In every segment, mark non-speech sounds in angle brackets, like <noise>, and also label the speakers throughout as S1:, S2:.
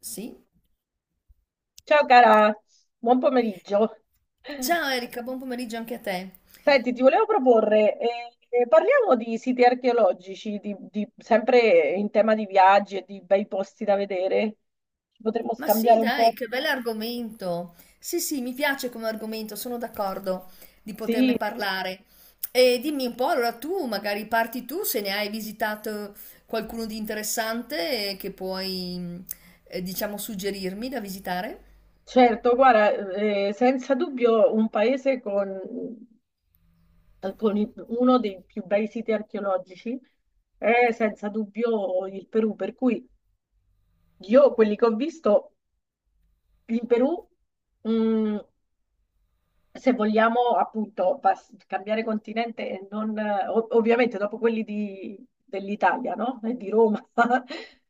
S1: Sì.
S2: Ciao cara, buon pomeriggio.
S1: Ciao Erika, buon pomeriggio anche a te.
S2: Senti, ti volevo proporre, parliamo di siti archeologici, sempre in tema di viaggi e di bei posti da vedere. Ci potremmo
S1: Ma sì,
S2: scambiare un po'?
S1: dai, che bell'argomento. Sì, sì, mi piace come argomento, sono d'accordo di
S2: Sì,
S1: poterne parlare. E dimmi un po', allora tu magari parti tu se ne hai visitato qualcuno di interessante che puoi, diciamo, suggerirmi da visitare.
S2: certo, guarda, senza dubbio un paese con uno dei più bei siti archeologici è senza dubbio il Perù, per cui io quelli che ho visto in Perù... mm, se vogliamo appunto cambiare continente e non, ovviamente dopo quelli dell'Italia, no? E di Roma. <laughs>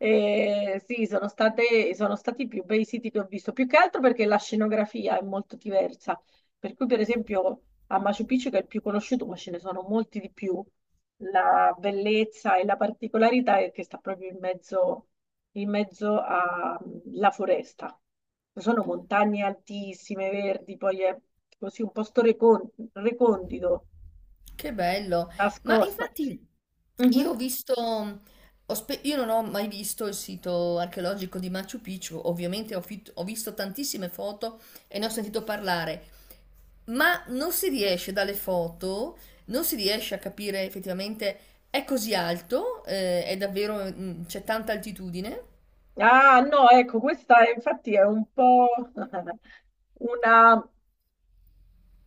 S2: Sì, sono stati i più bei siti che ho visto, più che altro perché la scenografia è molto diversa. Per cui, per esempio, a Machu Picchu, che è il più conosciuto, ma ce ne sono molti di più, la bellezza e la particolarità è che sta proprio in mezzo alla foresta. Sono montagne altissime, verdi, poi è così un posto recondito,
S1: Che bello, ma
S2: nascosto.
S1: infatti io
S2: Mhm.
S1: ho visto, io non ho mai visto il sito archeologico di Machu Picchu, ovviamente ho visto tantissime foto e ne ho sentito parlare, ma non si riesce dalle foto, non si riesce a capire effettivamente è così alto. È davvero, c'è tanta altitudine?
S2: Ah, no, ecco, infatti è un po' <laughs> una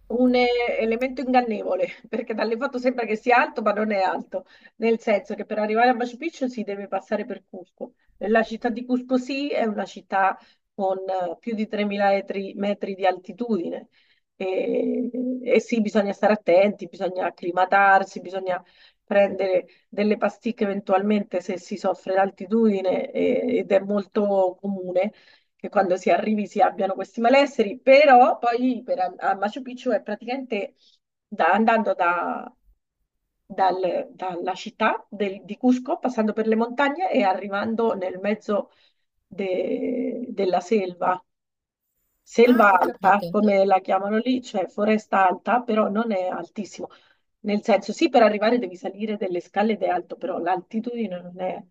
S2: un elemento ingannevole, <laughs> perché dalle foto sembra che sia alto, ma non è alto, nel senso che per arrivare a Machu Picchu si deve passare per Cusco. La città di Cusco sì, è una città con più di 3.000 metri, metri di altitudine. E, e sì, bisogna stare attenti, bisogna acclimatarsi, bisogna prendere delle pasticche eventualmente se si soffre d'altitudine ed è molto comune che quando si arrivi si abbiano questi malesseri, però poi per, a Machu Picchu è praticamente andando dalla città di Cusco, passando per le montagne e arrivando nel mezzo della selva.
S1: Ah,
S2: Selva
S1: ho
S2: alta,
S1: capito.
S2: come la chiamano lì, cioè foresta alta, però non è altissimo. Nel senso, sì, per arrivare devi salire delle scale ed è alto, però l'altitudine non è,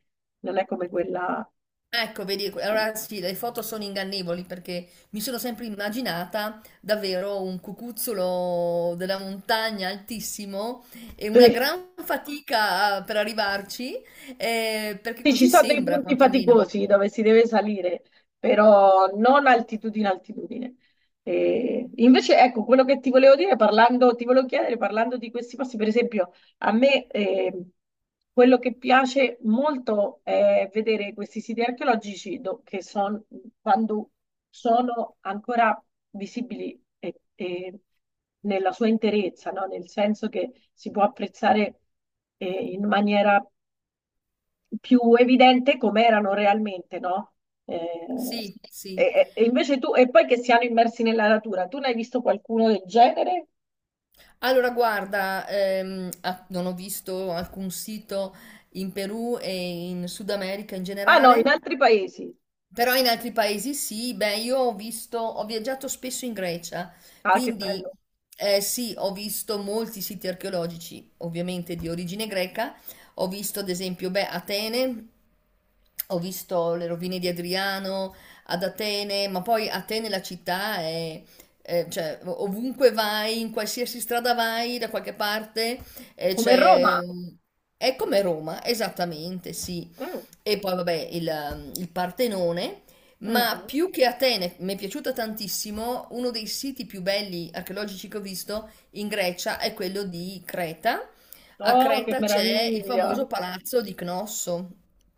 S2: non è come quella...
S1: Ecco, vedi, allora sì, le foto sono ingannevoli perché mi sono sempre immaginata davvero un cucuzzolo della montagna altissimo e una
S2: Sì.
S1: gran fatica per arrivarci, perché
S2: Sì, ci
S1: così
S2: sono dei
S1: sembra
S2: punti
S1: quantomeno.
S2: faticosi dove si deve salire, però non altitudine, altitudine. E invece, ecco, quello che ti volevo dire, parlando, ti volevo chiedere, parlando di questi posti, per esempio, a me quello che piace molto è vedere questi siti archeologici che sono, quando sono ancora visibili e nella sua interezza, no? Nel senso che si può apprezzare in maniera più evidente come erano realmente, no? Eh,
S1: Sì, sì.
S2: e invece tu, e poi che siano immersi nella natura, tu ne hai visto qualcuno del genere?
S1: Allora, guarda, ah, non ho visto alcun sito in Perù e in Sud America in
S2: Ah no, in
S1: generale.
S2: altri paesi.
S1: Però in altri paesi sì, beh, io ho visto, ho viaggiato spesso in Grecia,
S2: Ah, che
S1: quindi
S2: bello.
S1: sì, ho visto molti siti archeologici, ovviamente di origine greca, ho visto ad esempio, beh, Atene, ho visto le rovine di Adriano ad Atene, ma poi Atene la città è, cioè ovunque vai, in qualsiasi strada vai, da qualche parte,
S2: Come
S1: c'è...
S2: Roma.
S1: un- È come Roma, esattamente, sì.
S2: Mm,
S1: E poi vabbè il, il Partenone, ma
S2: mhm.
S1: più che Atene, mi è piaciuta tantissimo, uno dei siti più belli archeologici che ho visto in Grecia è quello di Creta. A
S2: Oh, che
S1: Creta c'è il
S2: meraviglia.
S1: famoso palazzo di Cnosso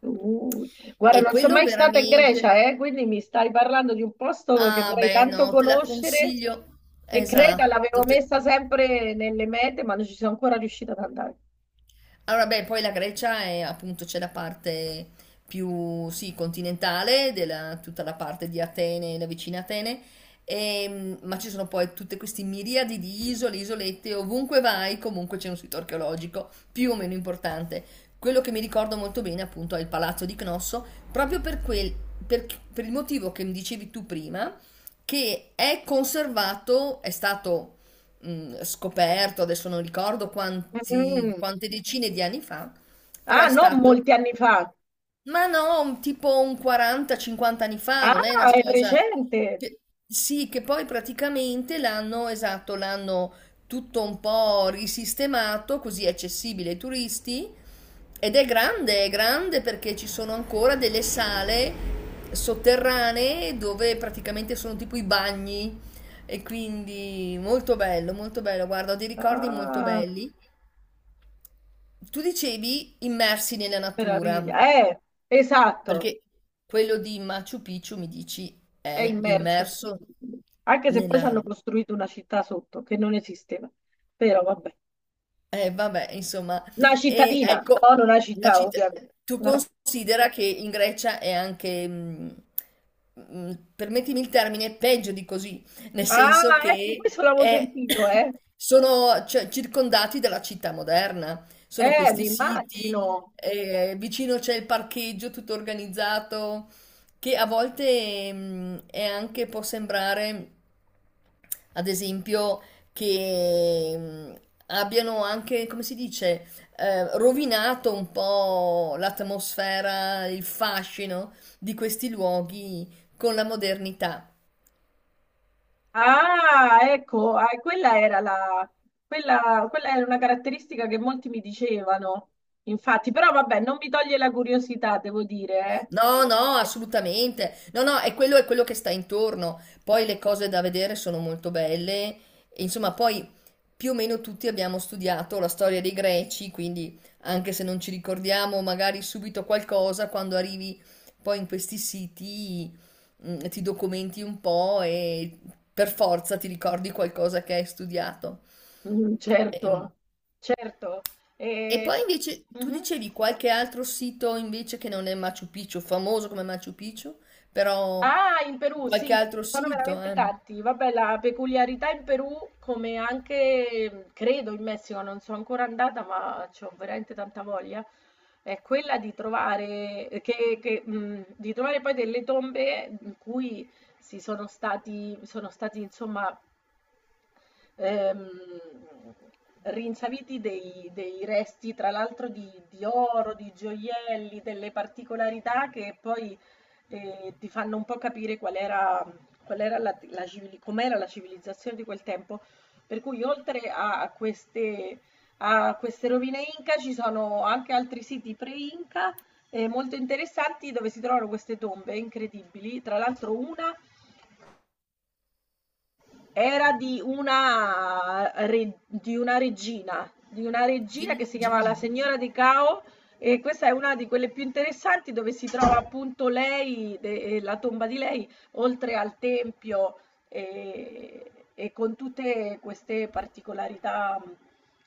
S2: Uh, guarda,
S1: e
S2: non sono
S1: quello
S2: mai stata in Grecia,
S1: veramente.
S2: quindi mi stai parlando di un posto che
S1: Ah,
S2: vorrei
S1: beh,
S2: tanto
S1: no, te la
S2: conoscere
S1: consiglio.
S2: e Creta
S1: Esatto.
S2: l'avevo messa sempre nelle mete, ma non ci sono ancora riuscita ad andare.
S1: Allora, beh, poi la Grecia è appunto c'è la parte più sì, continentale, della, tutta la parte di Atene, la vicina Atene, e, ma ci sono poi tutte queste miriadi di isole, isolette, ovunque vai comunque c'è un sito archeologico più o meno importante. Quello che mi ricordo molto bene appunto è il palazzo di Cnosso, proprio per, per il motivo che mi dicevi tu prima, che è conservato, è stato scoperto, adesso non ricordo
S2: Mm.
S1: quante decine di anni fa, però
S2: Ah,
S1: è
S2: non
S1: stato.
S2: molti anni fa.
S1: Ma no, tipo un 40-50 anni fa, non è
S2: Ah,
S1: una
S2: è
S1: cosa
S2: recente.
S1: che- sì, che poi praticamente l'hanno, esatto, l'hanno tutto un po' risistemato, così è accessibile ai turisti ed è grande perché ci sono ancora delle sale sotterranee dove praticamente sono tipo i bagni e quindi molto bello, guarda, ho dei ricordi molto
S2: Ah,
S1: belli. Tu dicevi immersi nella
S2: che
S1: natura.
S2: meraviglia. Esatto,
S1: Perché quello di Machu Picchu mi dici
S2: è
S1: è
S2: immerso.
S1: immerso
S2: Anche se poi ci
S1: nella.
S2: hanno costruito una città sotto che non esisteva. Però vabbè.
S1: Vabbè, insomma,
S2: Una
S1: e
S2: cittadina, no,
S1: ecco,
S2: non una
S1: una
S2: città,
S1: città.
S2: ovviamente.
S1: Tu
S2: Una-
S1: considera che in Grecia è anche, permettimi il termine, peggio di così, nel
S2: Ah,
S1: senso
S2: ecco,
S1: che
S2: questo l'avevo sentito, eh.
S1: <coughs> sono cioè, circondati dalla città moderna, sono
S2: Mi
S1: questi siti,
S2: immagino.
S1: vicino c'è il parcheggio tutto organizzato, che a volte, è anche, può sembrare. Ad esempio, che abbiano anche, come si dice, rovinato un po' l'atmosfera, il fascino di questi luoghi con la modernità.
S2: Ah, ecco, ah, quella era la, quella, quella era una caratteristica che molti mi dicevano, infatti, però vabbè, non mi toglie la curiosità, devo dire, eh.
S1: No, no, assolutamente. No, no, è quello che sta intorno. Poi le cose da vedere sono molto belle. E, insomma, poi più o meno tutti abbiamo studiato la storia dei Greci, quindi anche se non ci ricordiamo magari subito qualcosa, quando arrivi poi in questi siti, ti documenti un po' e per forza ti ricordi qualcosa che hai studiato.
S2: Mm, certo,
S1: Ehm,
S2: certo.
S1: e
S2: E-
S1: poi invece tu
S2: mhm.
S1: dicevi qualche altro sito invece che non è Machu Picchu, famoso come Machu Picchu, però
S2: Ah, in Perù,
S1: qualche
S2: sì,
S1: altro
S2: sono
S1: sito,
S2: veramente
S1: eh?
S2: tanti. Vabbè, la peculiarità in Perù, come anche credo in Messico, non sono ancora andata, ma ho veramente tanta voglia, è quella di trovare, che, di trovare poi delle tombe in cui sono stati, insomma, ehm, rinsaviti dei resti, tra l'altro, di oro, di gioielli, delle particolarità che poi ti fanno un po' capire qual era la com'era la civilizzazione di quel tempo. Per cui oltre a queste rovine Inca ci sono anche altri siti pre-Inca molto interessanti dove si trovano queste tombe incredibili. Tra l'altro una era di una
S1: Di
S2: regina che si chiama la
S1: origine.
S2: Signora di Cao e questa è una di quelle più interessanti dove si trova appunto lei, la tomba di lei, oltre al tempio e con tutte queste particolarità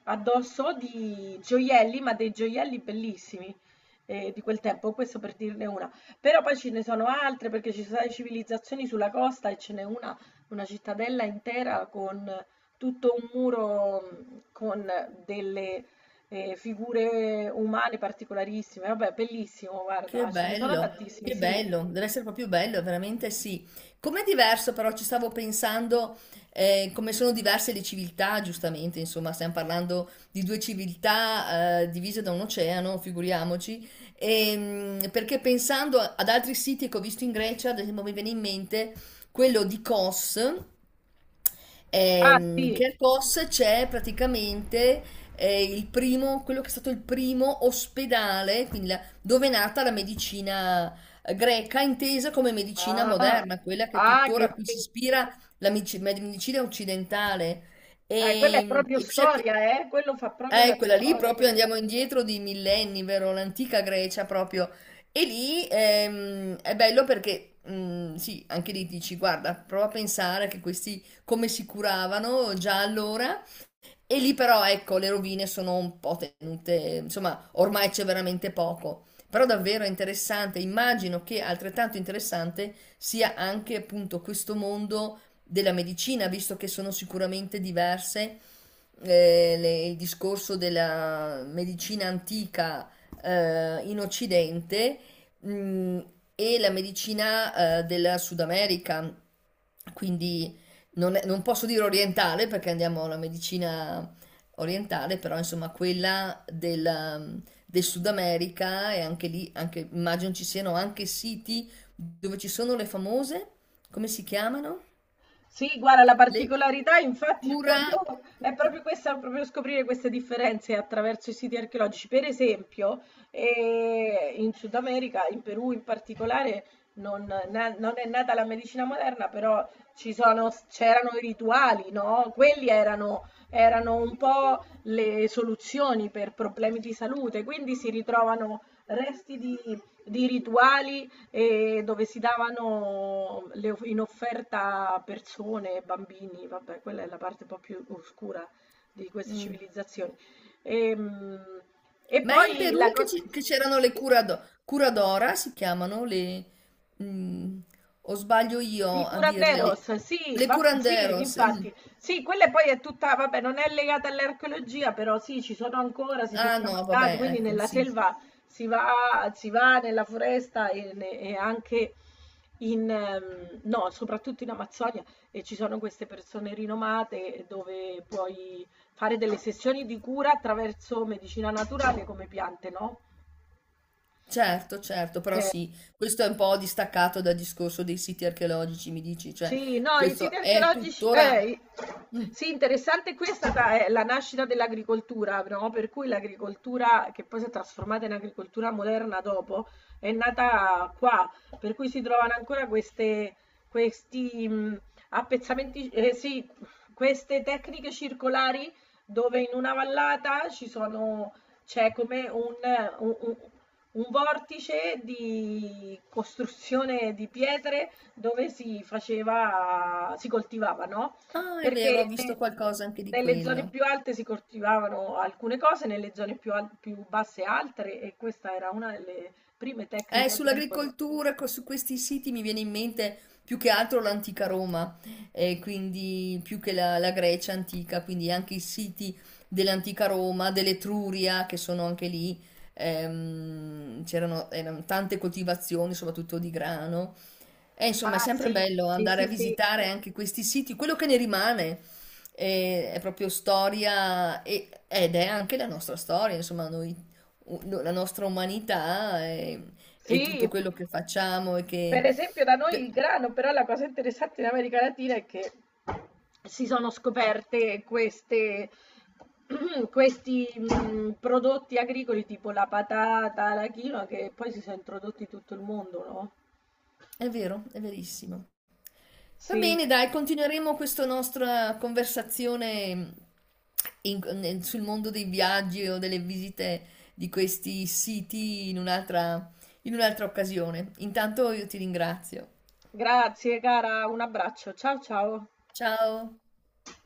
S2: addosso di gioielli, ma dei gioielli bellissimi di quel tempo, questo per dirne una. Però poi ce ne sono altre perché ci sono state civilizzazioni sulla costa e ce n'è una cittadella intera con tutto un muro con delle figure umane particolarissime. Vabbè, bellissimo, guarda, ce ne sono tantissimi,
S1: Che
S2: sì.
S1: bello, deve essere proprio bello, veramente sì. Com'è diverso però, ci stavo pensando, come sono diverse le civiltà, giustamente, insomma, stiamo parlando di due civiltà, divise da un oceano, figuriamoci. Perché pensando ad altri siti che ho visto in Grecia, ad esempio mi viene in mente quello di Kos,
S2: Ah, sì.
S1: che a Kos c'è praticamente il primo, quello che è stato il primo ospedale, quindi la dove è nata la medicina greca, intesa come medicina
S2: Ah,
S1: moderna, quella che
S2: ah,
S1: tuttora a cui si ispira la medicina occidentale.
S2: quella è
S1: E,
S2: proprio
S1: e c'è
S2: storia, eh? Quello fa proprio la
S1: quella lì
S2: storia.
S1: proprio
S2: Quelle-
S1: andiamo indietro di millenni, vero? L'antica Grecia proprio. E lì è bello perché, sì, anche lì dici, guarda, prova a pensare che questi come si curavano già allora e lì però, ecco, le rovine sono un po' tenute, insomma, ormai c'è veramente poco. Però davvero è interessante, immagino che altrettanto interessante sia anche appunto questo mondo della medicina, visto che sono sicuramente diverse il discorso della medicina antica in Occidente mm, e la medicina della Sud America, quindi non, non posso dire orientale perché andiamo alla medicina orientale, però insomma quella del, del Sud America e anche lì, anche, immagino ci siano anche siti dove ci sono le famose, come si chiamano?
S2: Sì, guarda, la
S1: Le
S2: particolarità infatti
S1: cura...
S2: è proprio questa, proprio scoprire queste differenze attraverso i siti archeologici. Per esempio, in Sud America, in Perù in particolare, non, non è nata la medicina moderna, però c'erano i rituali, no? Quelli erano, erano un po' le soluzioni per problemi di salute, quindi si ritrovano resti di rituali e dove si davano in offerta persone, bambini, vabbè, quella è la parte un po' più oscura di queste
S1: Mm.
S2: civilizzazioni. Ehm, E,
S1: Ma è in
S2: poi la
S1: Perù che
S2: cosa...
S1: che c'erano le curadora, si chiamano le, mm, o sbaglio
S2: I
S1: io a dirle le,
S2: curanderos, sì,
S1: le
S2: sì,
S1: curanderos? Mm.
S2: infatti, sì, quella poi è tutta, vabbè, non è legata all'archeologia, però sì, ci sono ancora, si sono
S1: Ah, no,
S2: tramandati,
S1: vabbè,
S2: quindi
S1: ecco,
S2: nella
S1: sì.
S2: selva si va, si va nella foresta e anche in, no, soprattutto in Amazzonia, e ci sono queste persone rinomate dove puoi fare delle sessioni di cura attraverso medicina naturale come piante, no?
S1: Certo, certo, però
S2: Eh,
S1: sì, questo è un po' distaccato dal discorso dei siti archeologici, mi dici, cioè
S2: sì, no, i siti
S1: questo è
S2: archeologici,
S1: tuttora. Mm.
S2: sì, interessante è la nascita dell'agricoltura, no? Per cui l'agricoltura, che poi si è trasformata in agricoltura moderna dopo, è nata qua, per cui si trovano ancora queste, questi appezzamenti, sì, queste tecniche circolari dove in una vallata ci sono, c'è come un, un un- un vortice di costruzione di pietre dove si coltivava, no,
S1: Ah, è vero, ho
S2: perché
S1: visto
S2: ne
S1: qualcosa anche di
S2: nelle zone
S1: quello.
S2: più alte si coltivavano alcune cose, nelle zone più basse altre e questa era una delle prime
S1: Eh,
S2: tecniche agricole.
S1: sull'agricoltura, su questi siti mi viene in mente più che altro l'antica Roma, e quindi più che la Grecia antica, quindi anche i siti dell'antica Roma, dell'Etruria, che sono anche lì, c'erano erano tante coltivazioni, soprattutto di grano. E insomma, è
S2: Ah
S1: sempre
S2: sì,
S1: bello
S2: sì,
S1: andare
S2: sì,
S1: a
S2: sì.
S1: visitare anche questi siti. Quello che ne rimane è, proprio storia ed è anche la nostra storia, insomma, noi, la nostra umanità e
S2: Sì,
S1: tutto quello che facciamo e
S2: per
S1: che.
S2: esempio da noi il grano, però la cosa interessante in America Latina è che si sono scoperte <clears throat> questi prodotti agricoli tipo la patata, la quinoa, che poi si sono introdotti in tutto il mondo, no?
S1: È vero, è verissimo. Va bene,
S2: Sì,
S1: dai, continueremo questa nostra conversazione sul mondo dei viaggi o delle visite di questi siti in un'altra occasione. Intanto io ti ringrazio.
S2: grazie cara, un abbraccio, ciao ciao.
S1: Ciao.